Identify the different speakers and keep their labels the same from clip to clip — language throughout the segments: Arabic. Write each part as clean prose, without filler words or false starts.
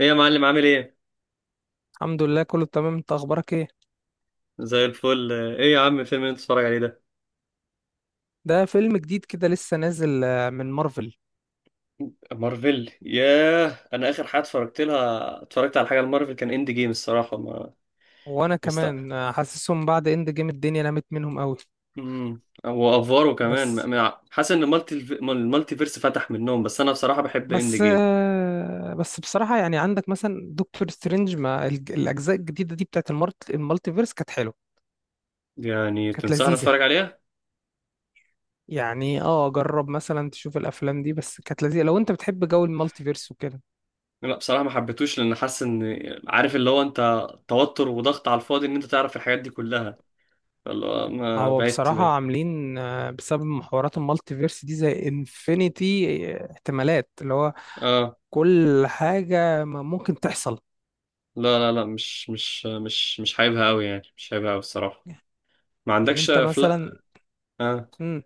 Speaker 1: ايه يا معلم، عامل ايه؟
Speaker 2: الحمد لله، كله تمام. انت اخبارك ايه؟
Speaker 1: زي الفل. ايه يا عم الفيلم اللي انت بتتفرج عليه ده؟
Speaker 2: ده فيلم جديد كده لسه نازل من مارفل.
Speaker 1: مارفل، ياه. انا اخر حاجه اتفرجت على حاجه لمارفل، كان اند جيم الصراحه. ما...
Speaker 2: وانا
Speaker 1: مستقبل.
Speaker 2: كمان حاسسهم بعد اند جيم الدنيا نامت منهم قوي.
Speaker 1: وافواره كمان،
Speaker 2: بس
Speaker 1: حاسس ان المالتي فيرس فتح منهم، بس انا بصراحه بحب اند
Speaker 2: بس
Speaker 1: جيم.
Speaker 2: آه، بس بصراحة، يعني عندك مثلا دكتور سترينج، ما الاجزاء الجديدة دي بتاعت المالتيفيرس كانت حلوة،
Speaker 1: يعني
Speaker 2: كانت
Speaker 1: تنصحني
Speaker 2: لذيذة.
Speaker 1: اتفرج عليها؟
Speaker 2: يعني جرب مثلا تشوف الافلام دي، بس كانت لذيذة لو انت بتحب جو المالتيفيرس وكده.
Speaker 1: لا بصراحه ما حبيتوش، لان حاسس ان... عارف اللي هو انت توتر وضغط على الفاضي ان انت تعرف الحاجات دي كلها، فاللي هو ما
Speaker 2: هو بصراحة عاملين بسبب محورات المالتيفيرس دي زي انفينيتي، احتمالات، اللي هو
Speaker 1: اه.
Speaker 2: كل حاجة ما ممكن تحصل.
Speaker 1: لا لا لا، مش حاببها قوي، يعني مش حاببها قوي الصراحه. ما
Speaker 2: يعني
Speaker 1: عندكش
Speaker 2: انت
Speaker 1: افلام؟
Speaker 2: مثلا.
Speaker 1: آه.
Speaker 2: امم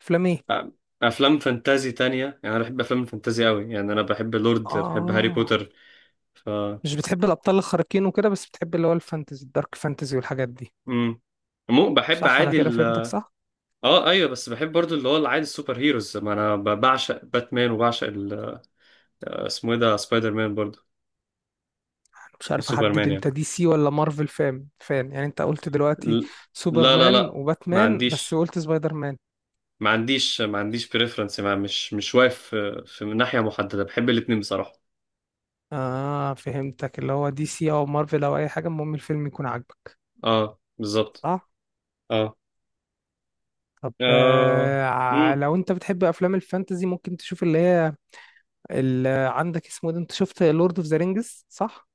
Speaker 2: افلام ايه؟
Speaker 1: آه، افلام فانتازي تانية، يعني انا بحب افلام الفانتازي قوي، يعني انا بحب لورد، بحب هاري
Speaker 2: اه،
Speaker 1: بوتر. ف...
Speaker 2: مش بتحب الابطال الخارقين وكده، بس بتحب اللي هو الفانتزي، الدارك فانتزي والحاجات دي،
Speaker 1: امم، مو بحب
Speaker 2: صح؟ انا
Speaker 1: عادي
Speaker 2: كده
Speaker 1: ال...
Speaker 2: فهمتك، صح؟
Speaker 1: اه ايوه، بس بحب برضو اللي هو العادي السوبر هيروز، ما انا بعشق باتمان وبعشق ال... اسمه ايه ده؟ سبايدر مان برضو،
Speaker 2: انا مش عارف احدد
Speaker 1: وسوبرمان يعني،
Speaker 2: انت دي سي ولا مارفل فان، يعني انت قلت دلوقتي
Speaker 1: ال... لا لا
Speaker 2: سوبرمان
Speaker 1: لا، ما
Speaker 2: وباتمان، بس
Speaker 1: عنديش
Speaker 2: قلت سبايدر مان.
Speaker 1: ما عنديش بريفرنس، ما مش واقف في ناحية محددة، بحب الاتنين بصراحة.
Speaker 2: اه، فهمتك، اللي هو دي سي او مارفل او اي حاجة، المهم الفيلم يكون عاجبك،
Speaker 1: اه بالظبط.
Speaker 2: صح؟
Speaker 1: اه.
Speaker 2: طب
Speaker 1: اه. امم.
Speaker 2: لو انت بتحب افلام الفانتزي ممكن تشوف اللي هي، عندك اسمه ده، انت شفت لورد اوف ذا رينجز، صح؟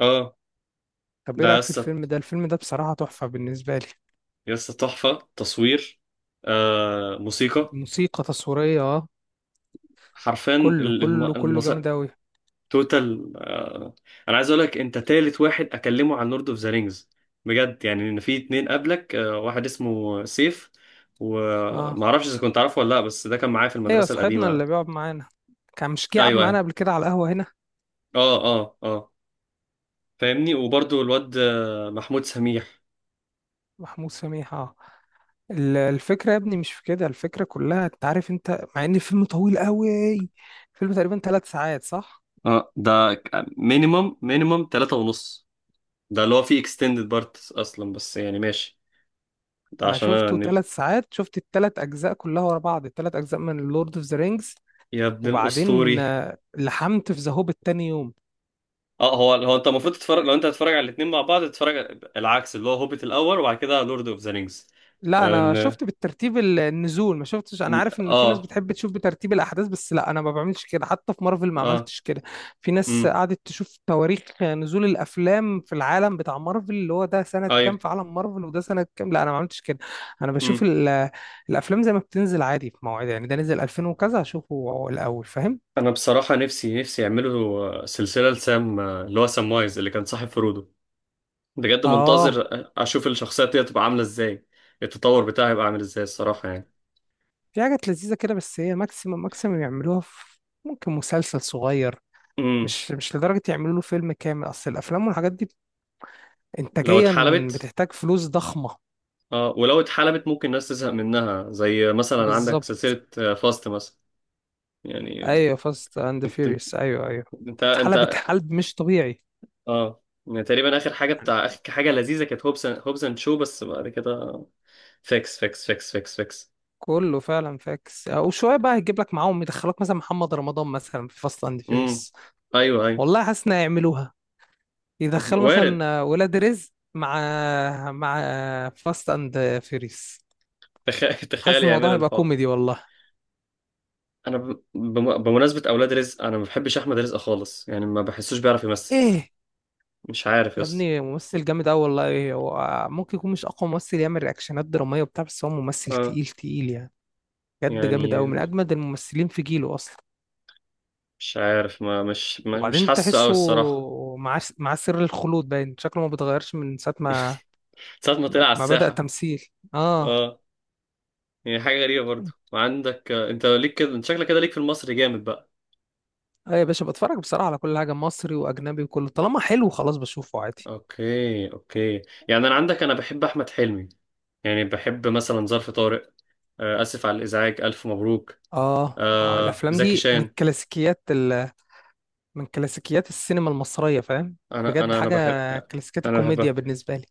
Speaker 1: اه.
Speaker 2: طب ايه
Speaker 1: ده
Speaker 2: رايك في
Speaker 1: يسطا،
Speaker 2: الفيلم ده؟ الفيلم ده بصراحه تحفه بالنسبه لي.
Speaker 1: يسطا تحفة تصوير، آه موسيقى.
Speaker 2: موسيقى تصويريه، اه،
Speaker 1: حرفيا
Speaker 2: كله
Speaker 1: ال... الم...
Speaker 2: كله كله
Speaker 1: المس...
Speaker 2: جامد اوي.
Speaker 1: توتال. آه. انا عايز اقول لك انت تالت واحد اكلمه عن لورد اوف ذا رينجز، بجد. يعني ان في اتنين قبلك، واحد اسمه سيف،
Speaker 2: اه،
Speaker 1: وما اعرفش اذا كنت عارفه ولا لا، بس ده كان معايا في
Speaker 2: ايوه،
Speaker 1: المدرسة
Speaker 2: صاحبنا
Speaker 1: القديمة.
Speaker 2: اللي بيقعد معانا، كان مش جه قعد
Speaker 1: ايوه
Speaker 2: معانا
Speaker 1: ايوه،
Speaker 2: قبل كده على القهوه هنا؟
Speaker 1: اه اه اه، فاهمني. وبرضو الواد محمود سميح.
Speaker 2: محمود سميح، اه. الفكره يا ابني مش في كده، الفكره كلها انت عارف، انت مع ان الفيلم طويل قوي، الفيلم تقريبا 3 ساعات صح؟
Speaker 1: اه، ده مينيمم مينيمم تلاتة ونص، ده اللي هو فيه اكستندد بارت اصلا، بس يعني ماشي، ده
Speaker 2: انا
Speaker 1: عشان انا
Speaker 2: شفته 3 ساعات، شفت الثلاث اجزاء كلها ورا بعض، الثلاث اجزاء من لورد اوف ذا رينجز.
Speaker 1: يا ابن
Speaker 2: وبعدين
Speaker 1: الاسطوري.
Speaker 2: لحمت في ذا هوبيت تاني يوم.
Speaker 1: اه، هو انت المفروض تتفرج، لو انت هتتفرج على الاتنين مع بعض تتفرج العكس، اللي هو هوبيت الاول وبعد كده لورد اوف ذا رينجز.
Speaker 2: لا انا
Speaker 1: ان
Speaker 2: شفت بالترتيب النزول، ما شفتش، انا عارف ان في ناس
Speaker 1: اه.
Speaker 2: بتحب تشوف بترتيب الاحداث، بس لا انا ما بعملش كده، حتى في مارفل ما
Speaker 1: اه،
Speaker 2: عملتش كده. في ناس
Speaker 1: امم،
Speaker 2: قعدت تشوف تواريخ نزول الافلام في العالم بتاع مارفل، اللي هو ده سنة
Speaker 1: ايوه،
Speaker 2: كام في عالم مارفل وده سنة كام. لا انا ما عملتش كده. انا بشوف
Speaker 1: امم.
Speaker 2: الافلام زي ما بتنزل عادي في مواعيدها، يعني ده نزل 2000 وكذا هشوفه الاول، فاهم؟
Speaker 1: انا بصراحة نفسي نفسي يعملوا سلسلة لسام، اللي هو سام وايز اللي كان صاحب فرودو، بجد منتظر
Speaker 2: اه.
Speaker 1: اشوف الشخصية دي تبقى عاملة ازاي، التطور بتاعها هيبقى عامل ازاي الصراحة.
Speaker 2: في حاجات لذيذة كده، بس هي ماكسيمم ماكسيمم يعملوها في ممكن مسلسل صغير.
Speaker 1: يعني
Speaker 2: مش لدرجة يعملوا له فيلم كامل، أصل الأفلام والحاجات دي
Speaker 1: لو
Speaker 2: إنتاجيا
Speaker 1: اتحلبت،
Speaker 2: بتحتاج فلوس ضخمة.
Speaker 1: اه ولو اتحلبت ممكن الناس تزهق منها، زي مثلا عندك
Speaker 2: بالظبط.
Speaker 1: سلسلة فاست مثلا يعني.
Speaker 2: أيوه، فاست أند
Speaker 1: انت،
Speaker 2: فيوريوس، أيوه أيوه.
Speaker 1: انت,
Speaker 2: اتحلبت
Speaker 1: انت
Speaker 2: حلب مش طبيعي،
Speaker 1: اه، يعني تقريبا اخر حاجة،
Speaker 2: يعني.
Speaker 1: بتاع اخر حاجة لذيذة، كانت هوبس اند شو، بس بعد كده فيكس فيكس فيكس فيكس فيكس.
Speaker 2: كله فعلا فاكس، أو شوية بقى هيجيب لك معاهم يدخلوك مثلا محمد رمضان مثلا في فاست أند
Speaker 1: امم،
Speaker 2: فيوريوس.
Speaker 1: ايوه ايوه،
Speaker 2: والله حاسس إن هيعملوها، يدخلوا
Speaker 1: وارد.
Speaker 2: مثلا ولاد رزق مع، مع فاست أند فيوريوس.
Speaker 1: تخيل تخيل
Speaker 2: حاسس الموضوع
Speaker 1: يعملوا
Speaker 2: هيبقى
Speaker 1: الحوار.
Speaker 2: كوميدي والله.
Speaker 1: انا بمناسبة اولاد رزق، انا ما بحبش احمد رزق خالص، يعني ما بحسوش بيعرف يمثل،
Speaker 2: إيه؟
Speaker 1: مش عارف يا
Speaker 2: يا
Speaker 1: اسطى.
Speaker 2: ابني ممثل جامد أوي والله، هو ممكن يكون مش أقوى ممثل يعمل رياكشنات درامية وبتاع، بس هو ممثل
Speaker 1: اه،
Speaker 2: تقيل تقيل يعني. بجد جامد أوي، من
Speaker 1: يعني
Speaker 2: أجمد الممثلين في جيله أصلا.
Speaker 1: مش عارف، ما مش
Speaker 2: وبعدين
Speaker 1: حاسه قوي
Speaker 2: تحسه
Speaker 1: الصراحة.
Speaker 2: مع سر الخلود، باين شكله ما بيتغيرش من ساعة ما
Speaker 1: ساعة ما طلع على
Speaker 2: بدأ
Speaker 1: الساحة،
Speaker 2: تمثيل، اه.
Speaker 1: اه، يعني حاجة غريبة برضو. وعندك، انت ليك كده، انت شكلك كده ليك في المصري جامد بقى.
Speaker 2: اه، يا باشا، بتفرج بصراحة على كل حاجة، مصري وأجنبي، وكله طالما حلو خلاص بشوفه عادي.
Speaker 1: اوكي اوكي، يعني انا عندك انا بحب احمد حلمي، يعني بحب مثلا ظرف طارق، اسف على الازعاج، الف مبروك،
Speaker 2: اه، اه، الأفلام
Speaker 1: زكي
Speaker 2: دي من
Speaker 1: شان.
Speaker 2: كلاسيكيات السينما المصرية، فاهم،
Speaker 1: انا
Speaker 2: بجد
Speaker 1: انا انا
Speaker 2: حاجة،
Speaker 1: بحب،
Speaker 2: كلاسيكيات
Speaker 1: انا
Speaker 2: الكوميديا
Speaker 1: بحبها.
Speaker 2: بالنسبة لي.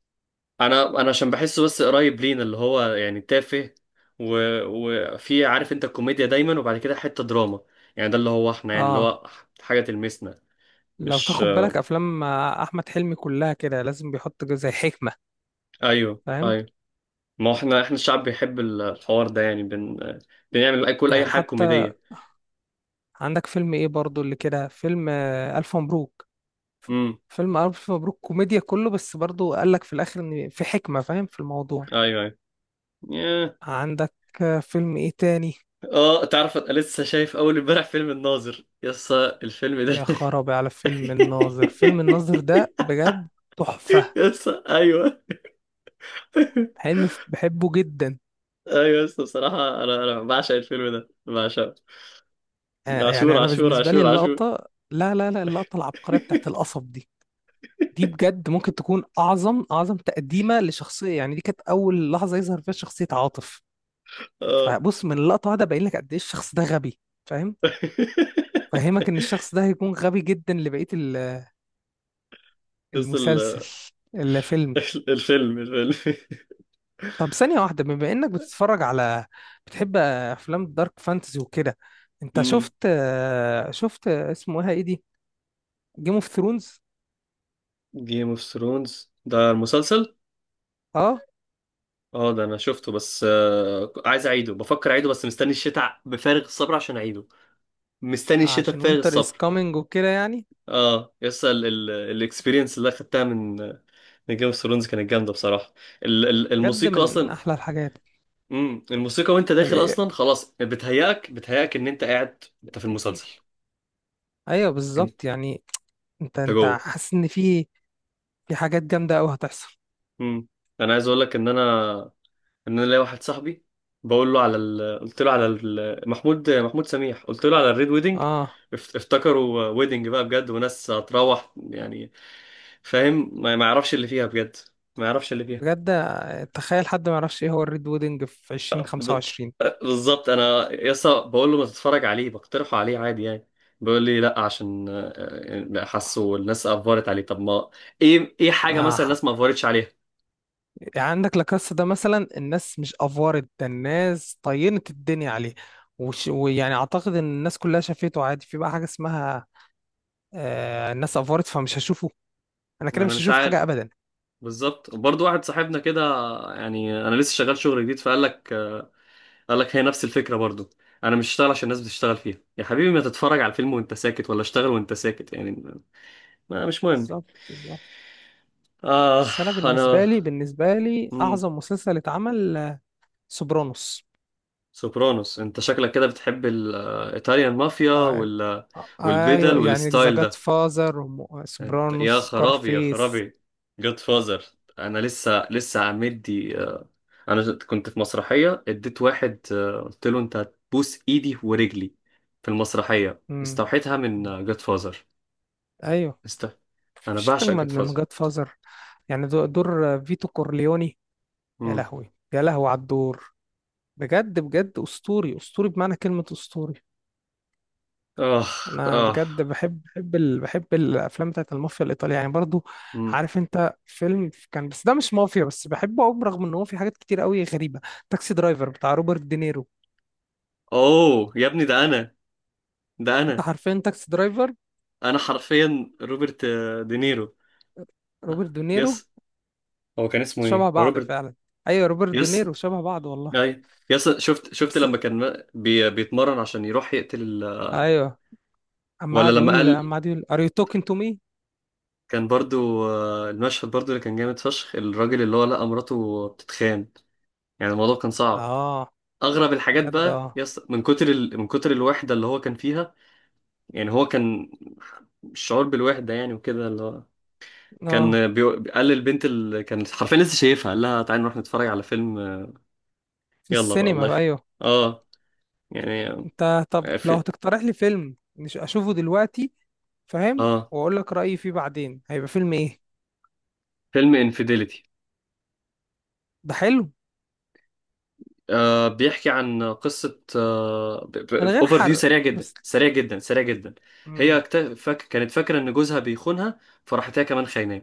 Speaker 1: انا عشان بحسه بس قريب لينا، اللي هو يعني تافه. و... وفي، عارف انت الكوميديا دايما وبعد كده حتة دراما، يعني ده اللي هو احنا يعني اللي
Speaker 2: اه،
Speaker 1: هو حاجة تلمسنا،
Speaker 2: لو
Speaker 1: مش
Speaker 2: تاخد بالك
Speaker 1: آه،
Speaker 2: افلام احمد حلمي كلها كده لازم بيحط زي حكمه،
Speaker 1: ايوه
Speaker 2: فاهم.
Speaker 1: ايوه. ما هو احنا الشعب بيحب ال... الحوار ده، يعني بن... بنعمل اي، كل اي
Speaker 2: يعني
Speaker 1: حاجه
Speaker 2: حتى
Speaker 1: كوميديه.
Speaker 2: عندك فيلم ايه برضو اللي كده، فيلم الف مبروك. ف-
Speaker 1: امم،
Speaker 2: فيلم الف مبروك كوميديا كله، بس برضو قال لك في الاخر ان في حكمه، فاهم في الموضوع.
Speaker 1: ايوه ايوه، ياه.
Speaker 2: عندك فيلم ايه تاني؟
Speaker 1: اه تعرف، انا لسه شايف اول امبارح فيلم الناظر، يس الفيلم ده
Speaker 2: يا خرابي على فيلم الناظر. فيلم الناظر ده بجد تحفه.
Speaker 1: يس ايوه.
Speaker 2: حلمي، بحبه جدا.
Speaker 1: ايوه يس، بصراحه انا بعشق الفيلم ده بعشقه. عاشور
Speaker 2: يعني انا
Speaker 1: عاشور
Speaker 2: بالنسبه لي
Speaker 1: عاشور عاشور
Speaker 2: اللقطه، لا لا لا، اللقطه العبقريه بتاعت القصب دي، دي بجد ممكن تكون اعظم اعظم تقديمه لشخصيه، يعني دي كانت اول لحظه يظهر فيها شخصيه عاطف.
Speaker 1: اه
Speaker 2: فبص من اللقطه واحده باين لك قد ايه الشخص ده غبي، فاهم. فهمك ان الشخص ده هيكون غبي جدا لبقيه
Speaker 1: يس
Speaker 2: المسلسل، الفيلم.
Speaker 1: الفيلم
Speaker 2: طب ثانيه واحده، بما انك بتتفرج على بتحب افلام دارك فانتزي وكده، انت
Speaker 1: امم.
Speaker 2: شفت اسمه ايه دي، جيم اوف ثرونز؟
Speaker 1: جيم اوف ثرونز ده المسلسل.
Speaker 2: اه،
Speaker 1: اه ده انا شفته، بس عايز اعيده، بفكر اعيده، بس مستني الشتاء بفارغ الصبر عشان اعيده، مستني الشتاء
Speaker 2: عشان
Speaker 1: بفارغ
Speaker 2: وينتر از
Speaker 1: الصبر.
Speaker 2: كامينج وكده يعني.
Speaker 1: اه يس، الاكسبيرينس اللي اخدتها من... من جيم اوف ثرونز كانت جامده بصراحه.
Speaker 2: بجد
Speaker 1: الموسيقى
Speaker 2: من
Speaker 1: اصلا،
Speaker 2: احلى الحاجات.
Speaker 1: الموسيقى، وانت داخل اصلا خلاص بتهيأك بتهيأك ان انت قاعد انت في المسلسل.
Speaker 2: ايوه
Speaker 1: انت،
Speaker 2: بالظبط، يعني انت
Speaker 1: انت
Speaker 2: انت
Speaker 1: جوه.
Speaker 2: حاسس ان في حاجات جامده قوي هتحصل.
Speaker 1: امم. انا عايز اقول لك ان انا، ان انا ليا واحد صاحبي بقول له على ال... قلت له على ال... محمود سميح، قلت له على الريد ويدنج،
Speaker 2: اه،
Speaker 1: افتكروا ويدنج بقى بجد وناس هتروح يعني، فاهم، ما يعرفش اللي فيها بجد، ما يعرفش اللي فيها.
Speaker 2: بجد. تخيل حد ما يعرفش ايه هو الريد ويدنج في
Speaker 1: ب...
Speaker 2: 2025.
Speaker 1: بالظبط، انا يسا بقول له ما تتفرج عليه، بقترحه عليه عادي يعني، بيقول لي لا عشان حاسه الناس افورت عليه. طب ما ايه ايه حاجه مثلا
Speaker 2: آه.
Speaker 1: الناس ما افورتش عليها؟
Speaker 2: يعني عندك لاكاسا ده مثلا، الناس مش افورت، ده الناس طينت الدنيا عليه. ويعني اعتقد ان الناس كلها شافته عادي، في بقى حاجه اسمها الناس افورت، فمش هشوفه، انا كده
Speaker 1: انا
Speaker 2: مش
Speaker 1: مش
Speaker 2: هشوف
Speaker 1: عارف.
Speaker 2: حاجه ابدا.
Speaker 1: بالظبط. برضو واحد صاحبنا كده، يعني انا لسه شغال شغل جديد، فقال لك، قال لك هي نفس الفكرة برضو، انا مش هشتغل عشان الناس بتشتغل فيها، يا حبيبي ما تتفرج على الفيلم وانت ساكت ولا اشتغل وانت ساكت يعني، ما مش مهم.
Speaker 2: بالظبط بالظبط.
Speaker 1: آه.
Speaker 2: بس انا بالنسبه
Speaker 1: أنا،
Speaker 2: لي، بالنسبه لي
Speaker 1: مم.
Speaker 2: اعظم مسلسل اتعمل سوبرانوس.
Speaker 1: سوبرانوس، أنت شكلك كده بتحب الإيطاليان مافيا
Speaker 2: آه،
Speaker 1: وال... والبدل
Speaker 2: ايوه يعني ذا
Speaker 1: والستايل
Speaker 2: جاد
Speaker 1: ده.
Speaker 2: فازر،
Speaker 1: انت
Speaker 2: سوبرانوس،
Speaker 1: يا خرابي يا
Speaker 2: سكارفيس.
Speaker 1: خرابي، جود فازر. انا لسه مدي، انا كنت في مسرحيه اديت واحد، قلت له انت هتبوس ايدي ورجلي، في المسرحيه
Speaker 2: امم
Speaker 1: استوحيتها من جود فازر.
Speaker 2: ايوه،
Speaker 1: است... انا
Speaker 2: مفيش
Speaker 1: بعشق
Speaker 2: اجمد
Speaker 1: جود
Speaker 2: من
Speaker 1: فازر.
Speaker 2: جاد فازر. يعني دور فيتو كورليوني، يا
Speaker 1: امم،
Speaker 2: لهوي يا لهوي على الدور، بجد بجد اسطوري اسطوري بمعنى كلمة اسطوري.
Speaker 1: اه
Speaker 2: انا
Speaker 1: اه،
Speaker 2: بجد بحب بحب الافلام بتاعت المافيا الايطالية يعني برضو.
Speaker 1: امم.
Speaker 2: عارف انت فيلم كان، بس ده مش مافيا، بس بحبه قوي برغم ان هو في حاجات كتير قوي غريبة. تاكسي درايفر بتاع روبرت دينيرو.
Speaker 1: اوه يا ابني، ده انا ده
Speaker 2: انت
Speaker 1: انا
Speaker 2: عارفين تاكسي درايفر؟
Speaker 1: انا حرفيا روبرت، دينيرو. آه،
Speaker 2: روبرت دينيرو
Speaker 1: يس. هو كان اسمه
Speaker 2: شبه
Speaker 1: ايه
Speaker 2: بعض
Speaker 1: روبرت.
Speaker 2: فعلا. ايوه روبرت
Speaker 1: يس.
Speaker 2: دينيرو شبه بعض والله.
Speaker 1: اي. يس، شفت
Speaker 2: بس
Speaker 1: لما كان بيتمرن عشان يروح يقتل ال...
Speaker 2: ايوه، اما
Speaker 1: ولا
Speaker 2: قعد
Speaker 1: لما
Speaker 2: يقول
Speaker 1: قال،
Speaker 2: اما قعد يقول ار يو توكينج تو مي.
Speaker 1: كان برضو، المشهد برضو اللي كان جامد فشخ، الراجل اللي هو لقى مراته بتتخان، يعني الموضوع كان صعب.
Speaker 2: اه،
Speaker 1: اغرب الحاجات
Speaker 2: بجد،
Speaker 1: بقى
Speaker 2: اه.
Speaker 1: يس، من كتر ال... من كتر الوحده اللي هو كان فيها، يعني هو كان الشعور بالوحده، يعني وكده اللي هو
Speaker 2: اه،
Speaker 1: كان بي... قال للبنت اللي كانت حرفيا لسه شايفها، قال لها تعالي نروح نتفرج على فيلم،
Speaker 2: في
Speaker 1: يلا بقى الله
Speaker 2: السينما،
Speaker 1: يخ...
Speaker 2: ايوه.
Speaker 1: اه، يعني،
Speaker 2: انت طب لو
Speaker 1: في...
Speaker 2: هتقترح لي فيلم مش اشوفه دلوقتي، فاهم،
Speaker 1: اه،
Speaker 2: واقول لك رايي فيه بعدين، هيبقى فيلم ايه؟
Speaker 1: فيلم انفيديليتي،
Speaker 2: ده حلو.
Speaker 1: آه بيحكي عن قصة،
Speaker 2: من غير
Speaker 1: اوفر فيو
Speaker 2: حرق.
Speaker 1: سريع جدا
Speaker 2: بس.
Speaker 1: سريع جدا سريع جدا. هي
Speaker 2: امم
Speaker 1: فاك كانت فاكرة ان جوزها بيخونها، فراحت هي كمان خايناه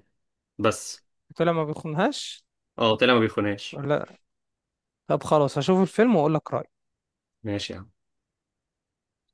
Speaker 1: بس.
Speaker 2: طلع ما بيخنهاش،
Speaker 1: اه طلع ما بيخونهاش.
Speaker 2: ولا؟ طب خلاص هشوف الفيلم واقول لك رايي.
Speaker 1: ماشي يا عم.